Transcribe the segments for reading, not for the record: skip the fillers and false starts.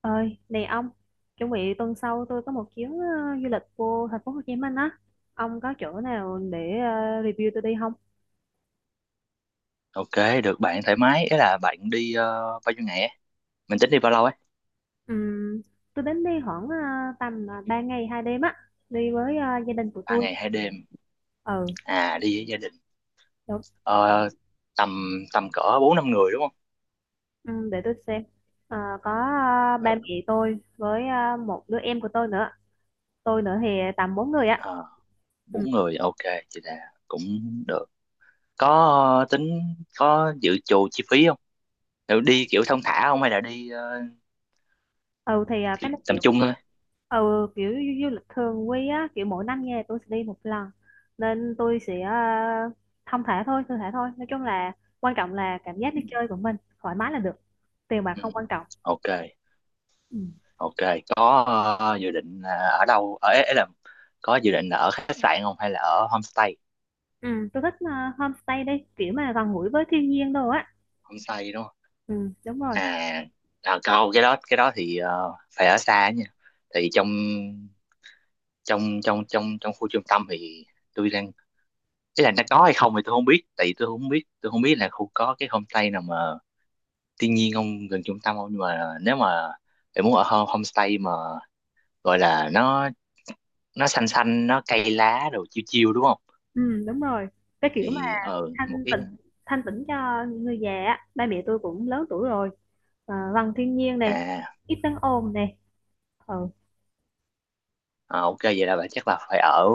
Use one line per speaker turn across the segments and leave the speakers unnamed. Ơi này ông, chuẩn bị tuần sau tôi có một chuyến du lịch vô thành phố Hồ Chí Minh á. Ông có chỗ nào để review tôi đi không?
Ok, được bạn thoải mái. Ý là bạn đi bao nhiêu ngày ấy? Mình tính đi bao lâu ấy?
Ừm, tôi đến đi khoảng tầm 3 ngày hai đêm á, đi với gia đình của
Ba
tôi.
ngày hai đêm.
Ừ.
À, đi với gia đình.
Đúng.
Ờ, tầm tầm cỡ bốn năm người đúng không?
Để tôi xem. Ờ, có ba
Ừ.
mẹ tôi với một đứa em của tôi nữa, tôi nữa thì tầm bốn người á.
Ờ, Bốn người, ok, chị là cũng được. Có tính có dự trù chi phí không? Kiểu đi kiểu thong thả không hay là đi
Ừ thì cái
kiểu
nó
tầm
kiểu
trung thôi?
ừ kiểu du lịch thường quy á, kiểu mỗi năm nha tôi sẽ đi một lần, nên tôi sẽ thong thả thôi, thư thả thôi, nói chung là quan trọng là cảm giác đi
Ừ.
chơi của mình thoải mái là được, tiền bạc
Ừ.
không quan trọng.
Ok,
Ừ.
ok. Có dự định là ở đâu? Ở ấy là có dự định là ở khách sạn không hay là ở homestay?
Ừ, tôi thích homestay đi, kiểu mà gần gũi với thiên nhiên đồ á.
Homestay đúng không?
Ừ, đúng rồi.
À, à câu cái đó thì phải ở xa nha. Tại vì trong trong trong trong trong khu trung tâm thì tôi đang, ý là nó có hay không thì tôi không biết. Tại vì tôi không biết là khu có cái homestay nào mà thiên nhiên không gần trung tâm không. Nhưng mà nếu mà bạn muốn ở homestay mà gọi là nó xanh xanh, nó cây lá rồi chiêu chiêu đúng không
Ừ, đúng rồi, cái kiểu mà
thì một
thanh
cái.
tịnh, thanh tịnh cho người già á, ba mẹ tôi cũng lớn tuổi rồi, gần thiên nhiên này,
À,
ít tiếng ồn này. Ừ.
à ok, vậy là bạn chắc là phải ở,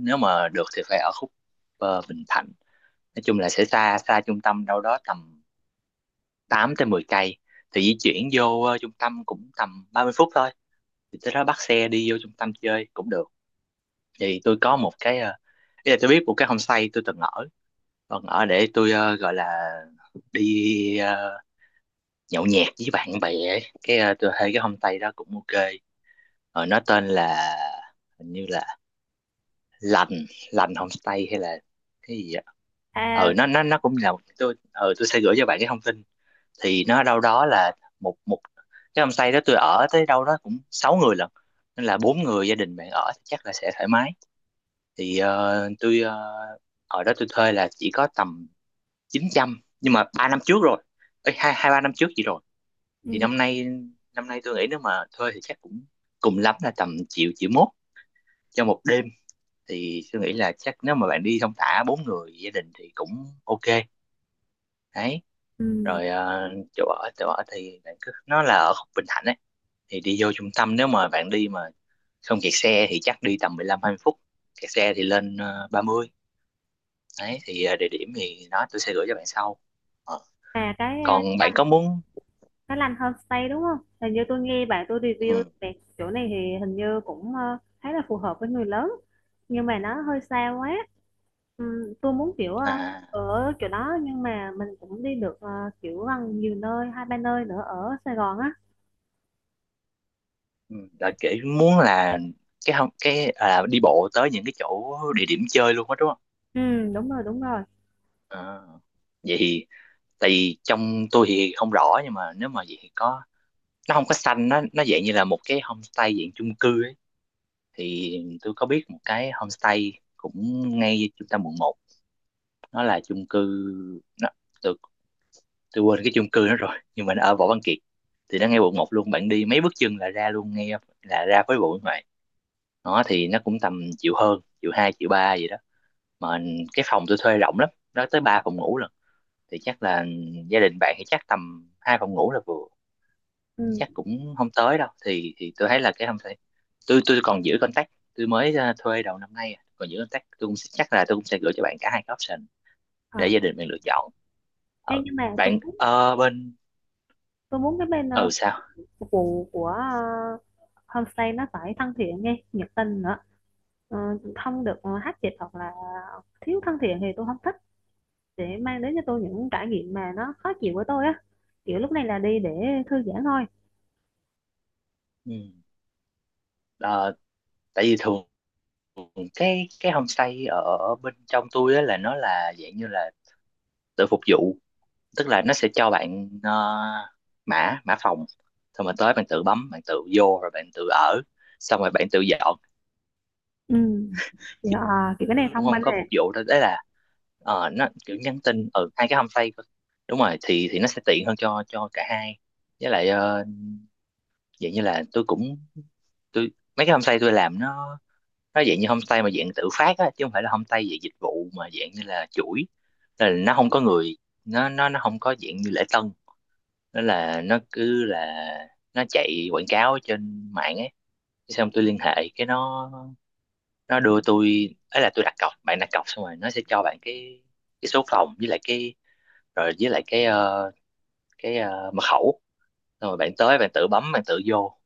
nếu mà được thì phải ở khúc Bình Thạnh, nói chung là sẽ xa xa trung tâm đâu đó tầm 8 tới 10 cây. Thì di chuyển vô trung tâm cũng tầm 30 phút thôi, thì tới đó bắt xe đi vô trung tâm chơi cũng được. Thì tôi có một cái ý là tôi biết một cái homestay tôi từng ở, còn ở để tôi gọi là đi nhậu nhẹt với bạn bè ấy. Cái tôi thấy cái homestay đó cũng ok. Nó tên là, hình như là lành lành homestay hay là cái gì ạ. Ừ,
À.
nó cũng là một- tôi tôi sẽ gửi cho bạn cái thông tin. Thì nó đâu đó là một một cái homestay đó tôi ở tới đâu đó cũng sáu người lận, nên là bốn người gia đình bạn ở thì chắc là sẽ thoải mái. Thì ở đó tôi thuê là chỉ có tầm 900 nhưng mà 3 năm trước rồi. Ê, hai hai ba năm trước gì rồi. Thì
Ừ.
năm nay, năm nay tôi nghĩ nếu mà thuê thì chắc cũng cùng lắm là tầm triệu, triệu mốt cho một đêm. Thì tôi nghĩ là chắc nếu mà bạn đi thong thả bốn người gia đình thì cũng ok đấy.
Ừ.
Rồi chỗ ở, chỗ ở thì bạn cứ nó là ở khúc Bình Thạnh ấy. Thì đi vô trung tâm nếu mà bạn đi mà không kẹt xe thì chắc đi tầm 15 20 phút, kẹt xe thì lên 30. Đấy thì địa điểm thì đó tôi sẽ gửi cho bạn sau. Ờ,
Là cái
còn bạn có muốn,
cái Lanh Homestay đúng không? Hình như tôi nghe bạn tôi review
ừ,
về chỗ này thì hình như cũng khá là phù hợp với người lớn, nhưng mà nó hơi xa quá. Tôi muốn kiểu
à
ở chỗ đó nhưng mà mình cũng đi được kiểu gần nhiều nơi, hai ba nơi nữa ở Sài Gòn á.
ừ, đợi kỹ muốn là cái không, cái đi bộ tới những cái chỗ địa điểm chơi luôn á đúng không.
Ừ, đúng rồi, đúng rồi.
Ờ, vậy thì, tại vì trong tôi thì không rõ nhưng mà nếu mà vậy thì có, nó không có xanh, nó dạng như là một cái homestay dạng chung cư ấy. Thì tôi có biết một cái homestay cũng ngay trung tâm quận 1, nó là chung cư. nó, tôi, tôi quên cái chung cư nó rồi nhưng mà nó ở Võ Văn Kiệt. Thì nó ngay quận 1 luôn, bạn đi mấy bước chân là ra luôn ngay, là ra với bộ ngoài. Nó thì nó cũng tầm triệu hơn, triệu hai, triệu ba gì đó mà. Cái phòng tôi thuê rộng lắm, nó tới ba phòng ngủ lần, thì chắc là gia đình bạn thì chắc tầm hai phòng ngủ là vừa,
Ừ.
chắc cũng không tới đâu. Thì tôi thấy là cái không thể, tôi còn giữ contact. Tôi mới thuê đầu năm nay à, còn giữ contact. Chắc là tôi cũng sẽ gửi cho bạn cả hai cái option để
Ờ.
gia đình mình lựa chọn.
Ê,
Ờ,
nhưng mà tôi
bạn
muốn,
bên.
tôi muốn cái bên
Ừ sao?
phục vụ của homestay nó phải thân thiện nghe, nhiệt tình nữa. Ờ, không được hát dịch hoặc là thiếu thân thiện thì tôi không thích, để mang đến cho tôi những trải nghiệm mà nó khó chịu với tôi á, kiểu lúc này là đi để thư giãn thôi.
Ừ. Ờ, tại vì thường cái homestay ở bên trong tôi á là nó là dạng như là tự phục vụ. Tức là nó sẽ cho bạn mã mã phòng, xong rồi tới bạn tự bấm, bạn tự vô rồi bạn tự ở, xong rồi bạn tự dọn,
Ừ thì, kiểu cái này
cũng
thông
không
minh
có phục
này.
vụ đâu. Đấy là nó kiểu nhắn tin ở hai cái homestay cơ. Đúng rồi thì nó sẽ tiện hơn cho cả hai. Với lại vậy như là tôi cũng, tôi mấy cái homestay tôi làm nó dạng như homestay mà dạng tự phát á chứ không phải là homestay dạng dịch vụ mà dạng như là chuỗi. Nên là nó không có người, nó không có dạng như lễ tân. Nó cứ là nó chạy quảng cáo trên mạng ấy. Cái xong tôi liên hệ cái nó đưa tôi ấy là tôi đặt cọc, bạn đặt cọc xong rồi nó sẽ cho bạn cái, số phòng với lại cái, rồi với lại cái mật khẩu. Xong rồi bạn tới bạn tự bấm, bạn tự vô,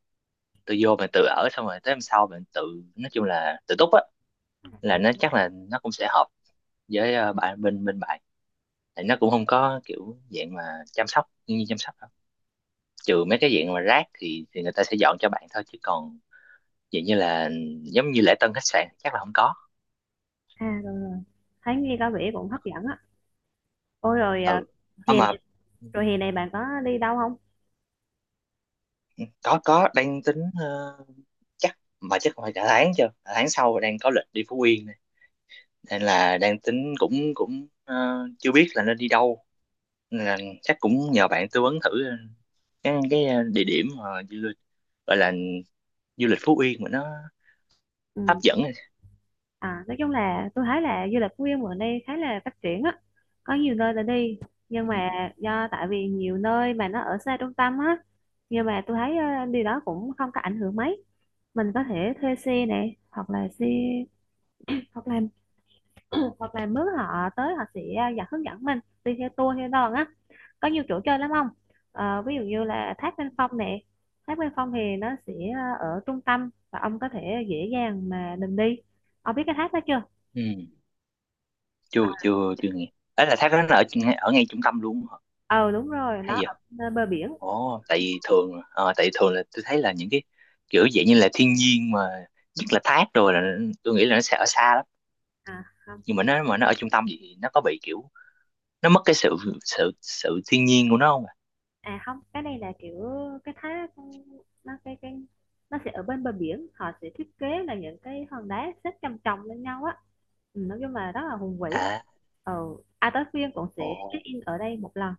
tự vô mình tự ở, xong rồi tới hôm sau mình tự. Nói chung là tự túc á, là nó chắc là nó cũng sẽ hợp với bạn, bên bên bạn. Tại nó cũng không có kiểu dạng mà chăm sóc như chăm sóc đâu. Trừ mấy cái dạng mà rác thì người ta sẽ dọn cho bạn thôi, chứ còn dạng như là giống như lễ tân khách sạn chắc là không có.
À rồi rồi, thấy nghe có vẻ cũng hấp dẫn á. Ôi rồi,
Ừ. À
hè này,
mà,
rồi hè này bạn có đi đâu không?
ừ, có đang tính chắc mà chắc phải cả tháng, chưa cả tháng sau đang có lịch đi Phú Yên này. Nên là đang tính cũng cũng chưa biết là nên đi đâu, là chắc cũng nhờ bạn tư vấn thử cái địa điểm mà du lịch, gọi là du lịch Phú Yên mà nó
Ừ.
hấp dẫn.
À, nói chung là tôi thấy là du lịch Phú Yên bữa nay khá là phát triển á, có nhiều nơi để đi. Nhưng
Ừ.
mà do tại vì nhiều nơi mà nó ở xa trung tâm á, nhưng mà tôi thấy điều đó cũng không có ảnh hưởng mấy. Mình có thể thuê xe này, hoặc là xe, hoặc là hoặc là mướn họ tới, họ sẽ dẫn, hướng dẫn mình đi theo tour theo đoàn á. Có nhiều chỗ chơi lắm không? Ờ, ví dụ như là Thác Bên Phong nè. Thác Bên Phong thì nó sẽ ở trung tâm và ông có thể dễ dàng mà mình đi. Ông biết cái thác đó chưa?
Ừ. Chưa, chưa, chưa nghe. Ấy là thác đó nó ở ở ngay trung tâm luôn hả?
Ờ đúng rồi, nó
Hay giờ.
ở nơi bờ biển.
Ồ, tại vì thường, là tôi thấy là những cái kiểu dạng như là thiên nhiên mà nhất là thác rồi là, tôi nghĩ là nó sẽ ở xa lắm.
À không.
Nhưng mà nó ở trung tâm thì nó có bị kiểu, nó mất cái sự, sự thiên nhiên của nó không ạ.
À không, cái này là kiểu cái thác nó cái nó sẽ ở bên bờ biển, họ sẽ thiết kế là những cái hòn đá xếp chồng chồng lên nhau á. Ừ, nói chung là rất là hùng vĩ.
À.
Ờ. À tới phiên cũng sẽ
Ồ.
check in ở đây một lần.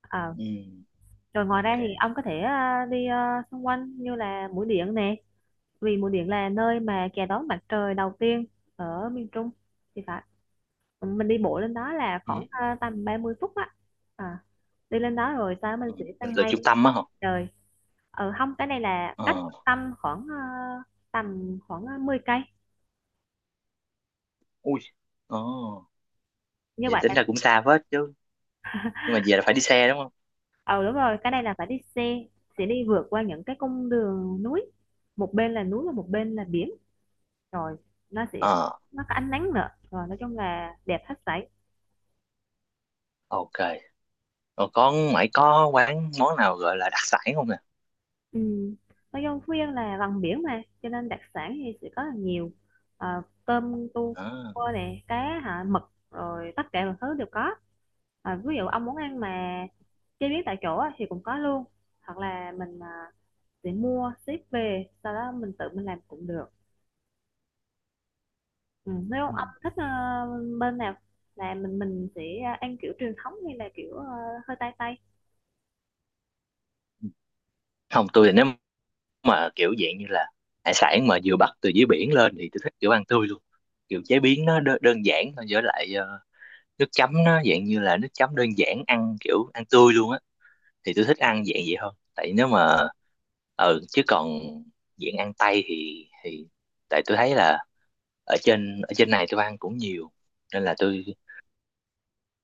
Ờ.
Ừ.
Rồi ngoài
Ok.
ra thì ông có thể đi xung quanh như là Mũi Điện nè, vì Mũi Điện là nơi mà chào đón mặt trời đầu tiên ở miền Trung thì phải. Mình đi bộ lên đó là khoảng
Ừ.
tầm 30 phút á. À, đi lên đó rồi sau đó mình
Ừ.
sẽ
Nó
tăng
từ trung
ngay.
tâm á hả?
Trời, ờ không, cái này là cách
ờ
trung tâm khoảng tầm khoảng 10 cây.
Ui, đó,
Như
vậy
vậy
tính
là
là cũng xa phết chứ. Nhưng mà về là phải đi xe đúng không.
ờ đúng rồi, cái này là phải đi xe, sẽ đi vượt qua những cái cung đường núi, một bên là núi và một bên là biển. Rồi nó sẽ,
ờ
nó có ánh nắng nữa, rồi nói chung là đẹp hết sảy.
ok, rồi con mày có quán món nào gọi là đặc sản không nè?
Ừ. Ở Dân Phú là gần biển mà, cho nên đặc sản thì sẽ có là nhiều. Ờ, tôm,
Đó.
cua nè, cá, hả, mực, rồi tất cả mọi thứ đều có. Ờ, ví dụ ông muốn ăn mà chế biến tại chỗ á, thì cũng có luôn, hoặc là mình sẽ mua ship về sau đó mình tự mình làm cũng được. Ừ. Nếu
Ừ.
ông thích bên nào là mình sẽ ăn kiểu truyền thống hay là kiểu hơi tây tây.
Không, tôi thì nếu mà kiểu dạng như là hải sản mà vừa bắt từ dưới biển lên thì tôi thích kiểu ăn tươi luôn, kiểu chế biến nó đơn giản thôi với lại nước chấm nó dạng như là nước chấm đơn giản, ăn kiểu ăn tươi luôn á. Thì tôi thích ăn dạng vậy hơn. Tại nếu mà, chứ còn dạng ăn tây thì tại tôi thấy là ở trên này tôi ăn cũng nhiều. Nên là tôi,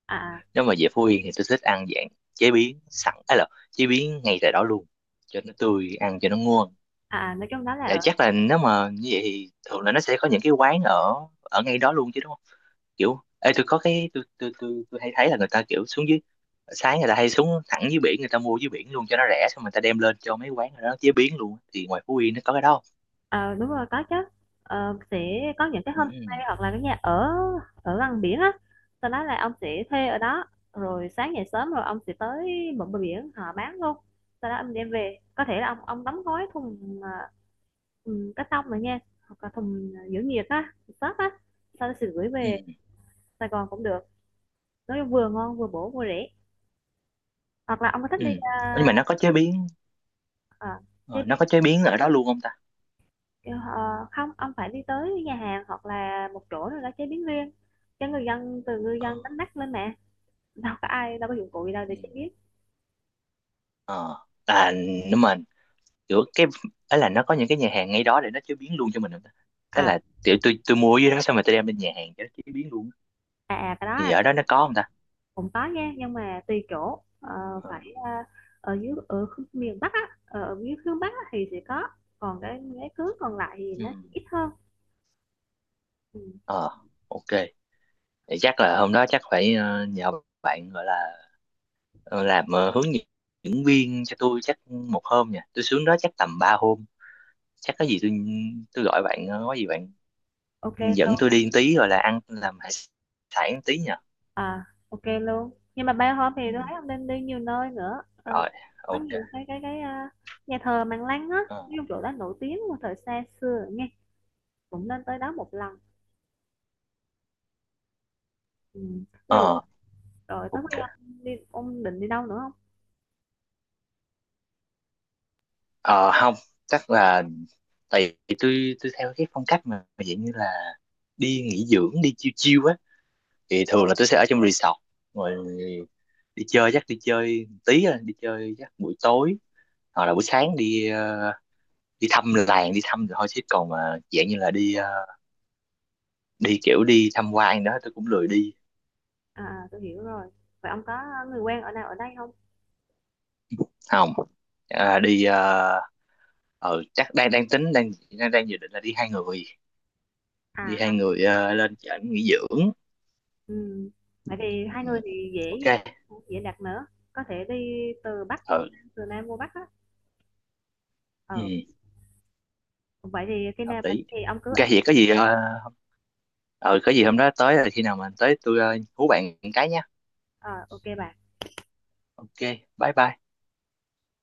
À.
nếu mà về Phú Yên thì tôi thích ăn dạng chế biến sẵn ấy, là chế biến ngay tại đó luôn cho nó tươi ăn cho nó ngon.
Nói chung đó
Dạ,
là
chắc là nếu mà như vậy thì thường là nó sẽ có những cái quán ở ở ngay đó luôn chứ đúng không. Kiểu ê tôi có cái, tôi hay thấy là người ta kiểu xuống dưới, sáng người ta hay xuống thẳng dưới biển người ta mua dưới biển luôn cho nó rẻ, xong người ta đem lên cho mấy quán đó chế biến luôn, thì ngoài Phú Yên nó có cái đó.
Ờ, đúng rồi có chứ. Ờ, sẽ có những cái homestay
Ừ.
hoặc là cái nhà ở ở gần biển á, sau đó là ông sẽ thuê ở đó, rồi sáng dậy sớm rồi ông sẽ tới bờ bờ biển họ bán luôn, sau đó ông đem về, có thể là ông đóng gói thùng thùng cắt tông rồi nha, hoặc là thùng giữ nhiệt á, shop á, sau đó sẽ gửi
Ừ.
về Sài Gòn cũng được, nói chung vừa ngon vừa bổ vừa rẻ. Hoặc là ông có thích
Ừ.
đi
Nhưng
à,
mà
à,
nó có chế biến ở đó luôn không ta?
Ờ, không ông phải đi tới nhà hàng hoặc là một chỗ rồi đó chế biến riêng cho người dân, từ người
Ờ.
dân đánh bắt lên mà, đâu có ai, đâu có dụng cụ gì đâu để
Ừ.
chế biến.
Ờ. À, nhưng mà kiểu cái, ấy là nó có những cái nhà hàng ngay đó để nó chế biến luôn cho mình không ta? Tức
À,
là kiểu tôi mua ở dưới đó xong rồi tôi đem lên nhà hàng cho nó chế biến luôn
à cái đó
thì ở đó nó có không ta?
cũng có nha, nhưng mà tùy chỗ. Ờ,
Ờ.
phải ở dưới ở miền Bắc á, ở ở dưới hướng Bắc á, thì sẽ có, còn cái cứ còn lại thì
Ừ.
nó ít hơn. Ừ.
Ờ. Ok. Thì chắc là hôm đó chắc phải nhờ bạn gọi là ờ, làm hướng dẫn viên cho tôi chắc một hôm nha. Tôi xuống đó chắc tầm 3 hôm, chắc có gì tôi gọi bạn có gì bạn
Ok.
dẫn tôi đi một tí rồi là ăn làm hải sản một tí nha.
À ok luôn, nhưng mà bay hôm thì
Ừ.
tôi thấy ông nên đi nhiều nơi nữa. Ờ,
Rồi.
có
Ok.
nhiều cái nhà thờ Mạn Lăng á, ví dụ
ờ
chỗ đó nổi tiếng một thời xa xưa nghe, cũng nên tới đó một lần. Ừ. Ví dụ
ờ,
rồi, tới
ok.
khi ông đi ông định đi đâu nữa không?
Ờ Không, chắc là tại vì tôi theo cái phong cách mà dạng như là đi nghỉ dưỡng, đi chiêu chiêu á, thì thường là tôi sẽ ở trong resort rồi đi chơi, chắc đi chơi tí rồi đi chơi chắc buổi tối hoặc là buổi sáng đi đi thăm làng đi thăm rồi thôi. Chứ còn mà dạng như là đi đi kiểu đi tham quan đó tôi cũng lười đi.
À tôi hiểu rồi, vậy ông có người quen ở nào ở đây không?
Không. À, chắc đang đang tính đang đang đang dự định là đi hai người, đi hai
À.
người lên trển nghỉ dưỡng.
Ừ. Vậy thì hai
Ừ.
người thì
Ok.
dễ, dễ đặt nữa, có thể đi từ Bắc vô
Ừ.
Nam, từ Nam vô Bắc á.
Ừ
Ờ. Vậy thì khi
hợp
nào bạn
lý.
thì ông cứ
Ok
alo.
vậy có gì ừ có gì hôm đó tới là khi nào mà tới tôi hú bạn cái nha.
Ờ ok bà.
Ok bye bye.